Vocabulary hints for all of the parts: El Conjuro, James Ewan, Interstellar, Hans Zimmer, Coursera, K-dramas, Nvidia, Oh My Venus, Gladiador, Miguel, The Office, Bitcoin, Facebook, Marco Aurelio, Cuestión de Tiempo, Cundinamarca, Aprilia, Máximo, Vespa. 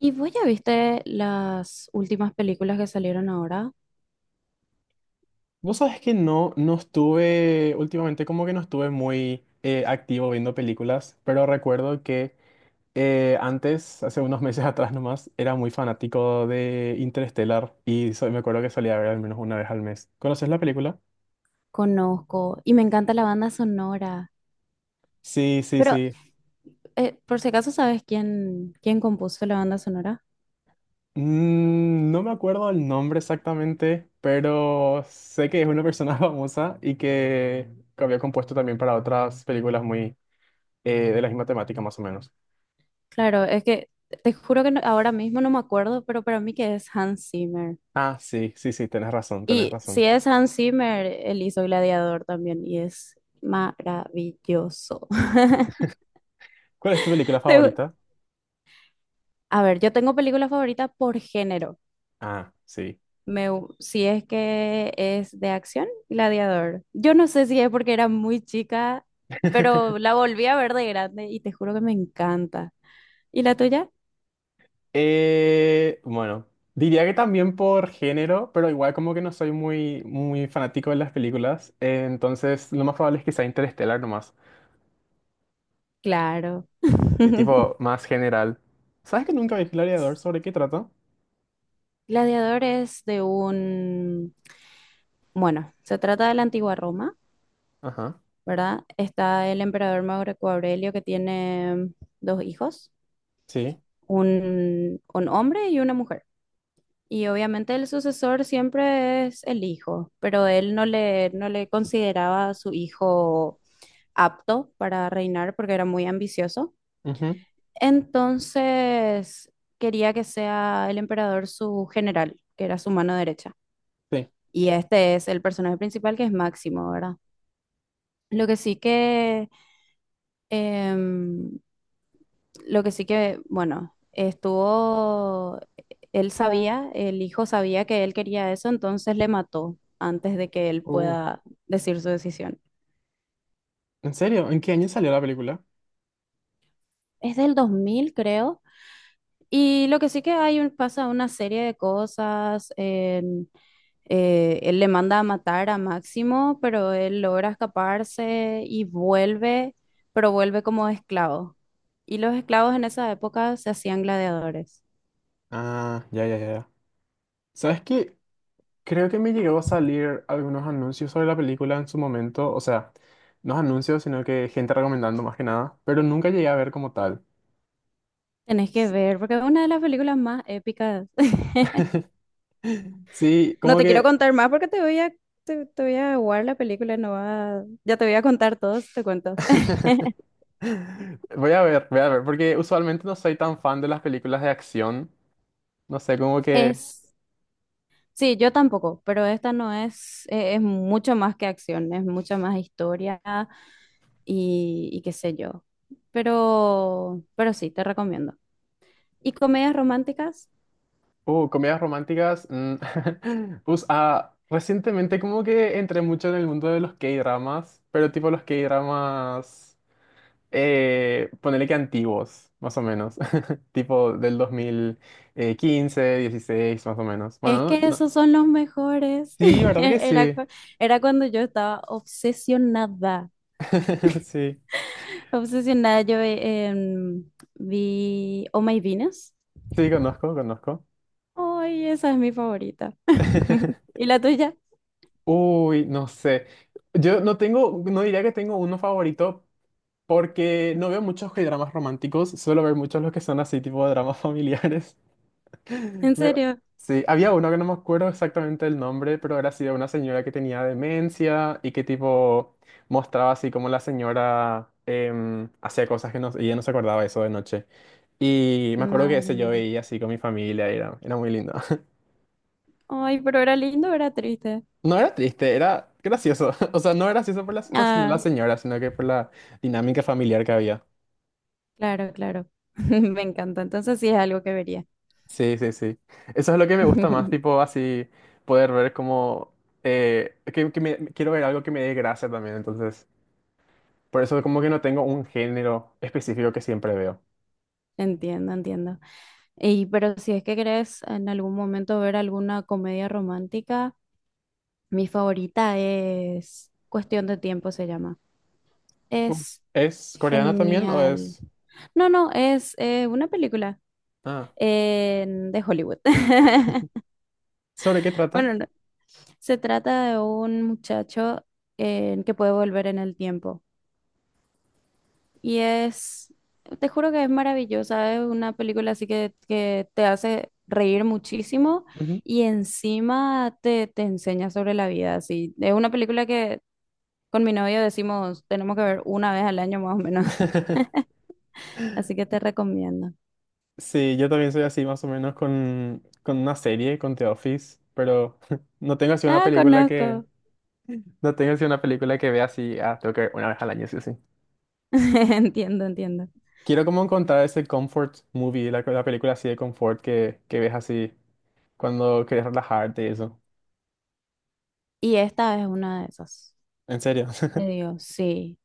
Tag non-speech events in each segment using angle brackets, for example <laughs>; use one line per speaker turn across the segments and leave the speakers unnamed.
¿Y vos ya viste las últimas películas que salieron ahora?
Vos sabés que no, no estuve, últimamente como que no estuve muy activo viendo películas, pero recuerdo que antes, hace unos <laughs> meses atrás nomás, era muy fanático de Interstellar me acuerdo que solía ver al menos una vez al mes. ¿Conoces la película?
Conozco y me encanta la banda sonora.
Sí, sí,
Pero,
sí.
por si acaso, ¿sabes quién compuso la banda sonora?
No me acuerdo el nombre exactamente, pero sé que es una persona <laughs> famosa y que había compuesto también para otras películas muy de la misma temática más o menos.
Claro, es que te juro que ahora mismo no me acuerdo, pero para mí que es Hans Zimmer.
Ah, sí, sí, sí, tenés razón, tenés
Y si
razón.
es Hans Zimmer, él hizo Gladiador también y es maravilloso. <laughs>
¿Cuál es tu película
Te-
favorita?
A ver, yo tengo películas favoritas por género.
Ah, sí.
Si es que es de acción, Gladiador. Yo no sé si es porque era muy chica, pero
<laughs>
la volví a ver de grande y te juro que me encanta. ¿Y la tuya?
Bueno, diría que también por género, pero igual como que no soy muy, muy fanático de las películas, entonces lo más probable es que sea Interestelar, nomás,
Claro.
y
<laughs>
tipo más general. ¿Sabes que nunca vi Gladiador? ¿Sobre qué trata?
Gladiador es de un, bueno, se trata de la antigua Roma,
Ajá,
¿verdad? Está el emperador Marco Aurelio que tiene dos hijos,
sí.
un hombre y una mujer. Y obviamente el sucesor siempre es el hijo, pero él no le consideraba a su hijo apto para reinar porque era muy ambicioso.
Ujú,
Entonces quería que sea el emperador su general, que era su mano derecha.
sí.
Y este es el personaje principal que es Máximo, ¿verdad? Lo que sí que em, lo que sí que, bueno, estuvo, él sabía, el hijo sabía que él quería eso, entonces le mató antes de que él
Uh,
pueda decir su decisión.
¿En serio? ¿En qué año salió la película?
Es del 2000 creo. Y lo que sí que hay pasa una serie de cosas. Él le manda a matar a Máximo, pero él logra escaparse y vuelve, pero vuelve como esclavo. Y los esclavos en esa época se hacían gladiadores.
Ah, ya, ya, ya. Ya. ¿Sabes qué? Creo que me llegó a salir algunos anuncios sobre la película en su momento, o sea, no anuncios, sino que gente recomendando más que nada, pero nunca llegué a ver como tal.
Tenés que ver, porque es una de las películas más épicas. <laughs>
<laughs> Sí,
No
como
te quiero
que.
contar más porque te voy a, te voy a aguar la película, no va, ya te voy a contar todo, te cuento. <laughs>
<laughs> Voy a ver, porque usualmente no soy tan fan de las películas de acción, no sé, como que.
Es, sí, yo tampoco, pero esta no es, es mucho más que acción, es mucha más historia y qué sé yo. Pero sí, te recomiendo. ¿Y comedias románticas?
Comedias románticas. <laughs> Recientemente como que entré mucho en el mundo de los K-dramas, pero tipo los K-dramas. Ponele que antiguos, más o menos. <laughs> Tipo del 2015, 16 más o menos.
Es
Bueno,
que esos son los mejores.
sí,
<laughs>
¿verdad que
Era,
sí?
cu- Era cuando yo estaba obsesionada.
<laughs> Sí,
Obsesionada, yo vi Oh My Venus.
sí, conozco, conozco.
Ay, esa es mi favorita. <laughs>
<laughs>
¿Y la tuya?
Uy, no sé. Yo no tengo, no diría que tengo uno favorito porque no veo muchos dramas románticos, suelo ver muchos los que son así tipo de dramas <laughs> familiares. <laughs>
¿En
Me-
serio?
Sí, había uno que no me acuerdo exactamente el nombre, pero era así de una señora que tenía demencia y que tipo mostraba así como la señora hacía cosas que no, y ella no se acordaba eso de noche. Y me acuerdo que
Madre
ese yo
mía.
veía así con mi familia y era muy lindo. <laughs>
Ay, pero era lindo, o era triste.
No era triste, era gracioso. <laughs> O sea, no era gracioso por la situación de la
Ah,
señora, sino que por la dinámica familiar que había.
claro, claro. <laughs> Me encanta. Entonces sí es algo que vería.
Sí, sí, sí. Eso es lo que me gusta más,
<laughs>
tipo así poder ver como, quiero ver algo que me dé gracia también, entonces. Por eso como que no tengo un género específico que siempre veo.
Entiendo, entiendo. Y pero si es que querés en algún momento ver alguna comedia romántica, mi favorita es Cuestión de Tiempo, se llama.
Uh,
Es
¿Es coreana también o
genial.
es?
No, no, es una película
Ah,
de Hollywood. <laughs>
¿sobre qué trata?
Bueno, no, se trata de un muchacho que puede volver en el tiempo. Y es, te juro que es maravillosa, es una película así que te hace reír muchísimo
Ujú.
y encima te, te enseña sobre la vida. Así. Es una película que con mi novio decimos tenemos que ver una vez al año más o menos,
<laughs>
<laughs> así que te recomiendo.
Sí, yo también soy así más o menos con, una serie, con The Office, pero <laughs> no tengo así una
Ah,
película que.
conozco.
No tengo así una película que vea así, ah, tengo que ver una vez al año, sí,
<laughs> Entiendo, entiendo.
quiero como encontrar ese comfort movie, la película así de confort que ves así cuando quieres relajarte y eso.
Y esta es una de esas.
En serio.
Te
<laughs>
digo, sí,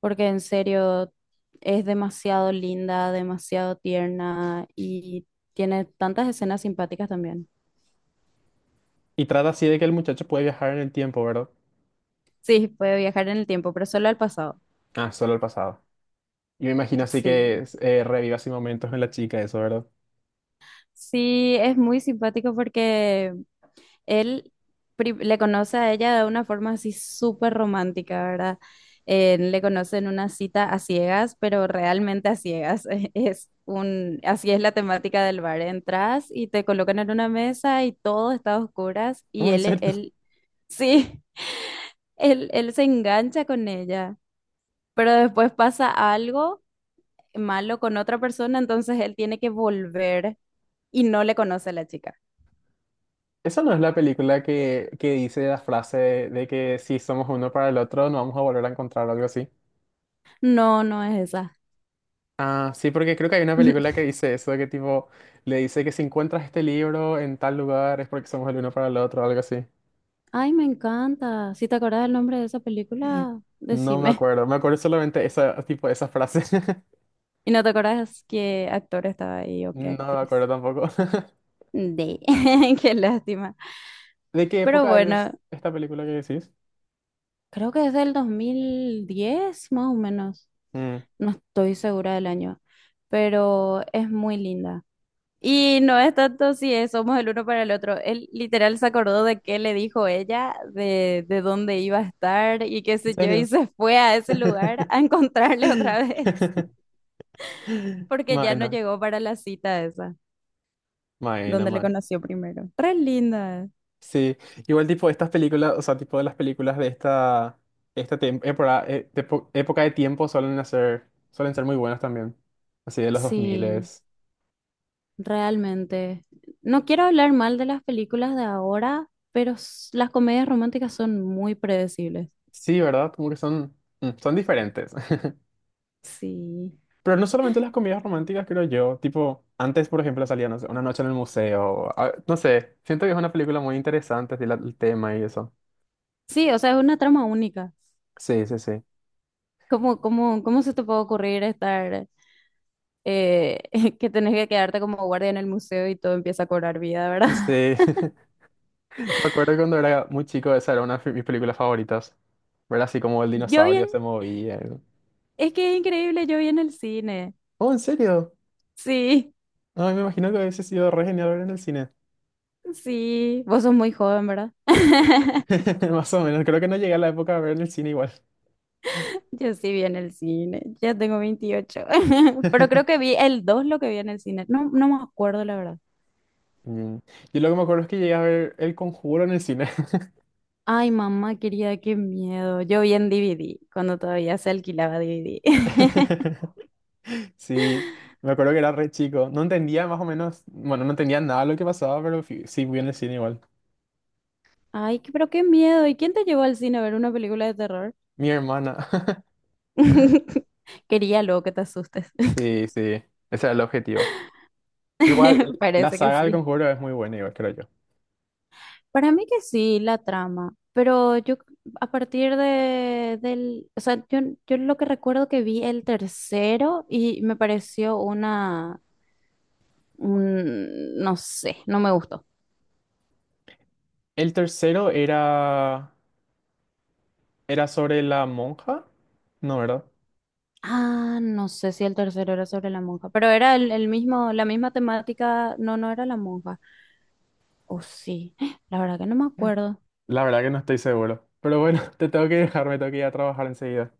porque en serio es demasiado linda, demasiado tierna y tiene tantas escenas simpáticas también.
Y trata así de que el muchacho puede viajar en el tiempo, ¿verdad?
Sí, puede viajar en el tiempo, pero solo al pasado.
Ah, solo al pasado. Y me imagino así
Sí.
que reviva así momentos en la chica, eso, ¿verdad?
Sí, es muy simpático porque él le conoce a ella de una forma así súper romántica, ¿verdad? Le conoce en una cita a ciegas, pero realmente a ciegas. <laughs> Es un, así es la temática del bar. Entras y te colocan en una mesa y todo está a oscuras y
No, en serio. <laughs>
sí, <laughs> él se engancha con ella, pero después pasa algo malo con otra persona, entonces él tiene que volver y no le conoce a la chica.
Esa no es la película que dice la frase de que si somos uno para el otro, no vamos a volver a encontrar o algo así.
No, no es esa.
Ah, sí, porque creo que hay una película
<laughs>
que dice eso, que tipo, le dice que si encuentras este libro en tal lugar es porque somos el uno para el otro, algo así.
Ay, me encanta. Si te acordás el nombre de esa película,
No me
decime.
acuerdo, me acuerdo solamente esa, tipo, esa frase. <laughs>
Y no te acordás qué actor estaba ahí o qué
No me acuerdo
actriz.
tampoco.
De, <laughs> qué lástima.
<laughs> ¿De qué
Pero
época es
bueno,
esta película que decís?
creo que es del 2010, más o menos.
Mm,
No estoy segura del año, pero es muy linda. Y no es tanto si es, somos el uno para el otro. Él literal se acordó de qué le dijo ella, de dónde iba a estar y qué
¿en
sé yo, y
serio?
se fue a ese lugar a encontrarle otra vez.
<laughs>
Porque ya no
Bueno,
llegó para la cita esa,
bueno,
donde le
man.
conoció primero. Re linda.
Sí, igual tipo estas películas, o sea, tipo de las películas de esta, época, época de tiempo suelen ser muy buenas también. Así de los 2000.
Sí, realmente. No quiero hablar mal de las películas de ahora, pero las comedias románticas son muy predecibles.
Sí, ¿verdad? Como que son, son diferentes.
Sí.
Pero no solamente las comidas románticas, creo yo. Tipo, antes, por ejemplo, salía, no sé, una noche en el museo. No sé, siento que es una película muy interesante, así, el tema y eso.
Sí, o sea, es una trama única.
Sí, sí, sí.
¿Cómo se te puede ocurrir estar, eh, <laughs> que tenés que quedarte como guardia en el museo y todo empieza a cobrar vida, ¿verdad?
Sí, <laughs> me acuerdo cuando era muy chico, esa era una de mis películas favoritas. Ver así como el
<laughs> Yo
dinosaurio
bien,
se movía.
es que es increíble, yo vi en el cine.
Oh, ¿en serio?
Sí.
Ay, me imagino que hubiese sido re genial ver en el cine.
Sí, vos sos muy joven, ¿verdad? <laughs>
<laughs> Más o menos, creo que no llegué a la época de ver en el cine igual.
Yo sí vi en el cine, ya tengo 28, <laughs> pero creo que
<laughs>
vi el 2 lo que vi en el cine, no, no me acuerdo la verdad.
Mm. Yo lo que me acuerdo es que llegué a ver El Conjuro en el cine.
Ay, mamá querida, qué miedo. Yo vi en DVD, cuando todavía se alquilaba DVD. <laughs>
<laughs> Sí, me acuerdo que era re chico. No entendía más o menos, bueno, no entendía nada de lo que pasaba, pero sí fui en el cine igual.
Ay, pero qué miedo. ¿Y quién te llevó al cine a ver una película de terror?
Mi hermana. <laughs>
<laughs> Quería luego que te asustes.
Sí, sí, ese era el objetivo. Igual,
<laughs>
la
Parece que
saga del
sí.
Conjuro es muy buena, igual, creo yo.
Para mí que sí, la trama, pero a partir de, del, o sea, yo lo que recuerdo que vi el tercero y me pareció una, no sé, no me gustó.
El tercero era sobre la monja, ¿no, verdad?
Ah, no sé si el tercero era sobre la monja, pero era el mismo, la misma temática, no, no era la monja, o sí, <gasps> la verdad que no me acuerdo.
La verdad que no estoy seguro. Pero bueno, <laughs> te tengo que dejar, me tengo que ir a trabajar enseguida.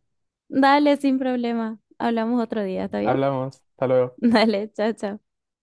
Dale, sin problema, hablamos otro día, ¿está bien?
Hablamos, hasta
<laughs>
luego.
Dale, chao, chao.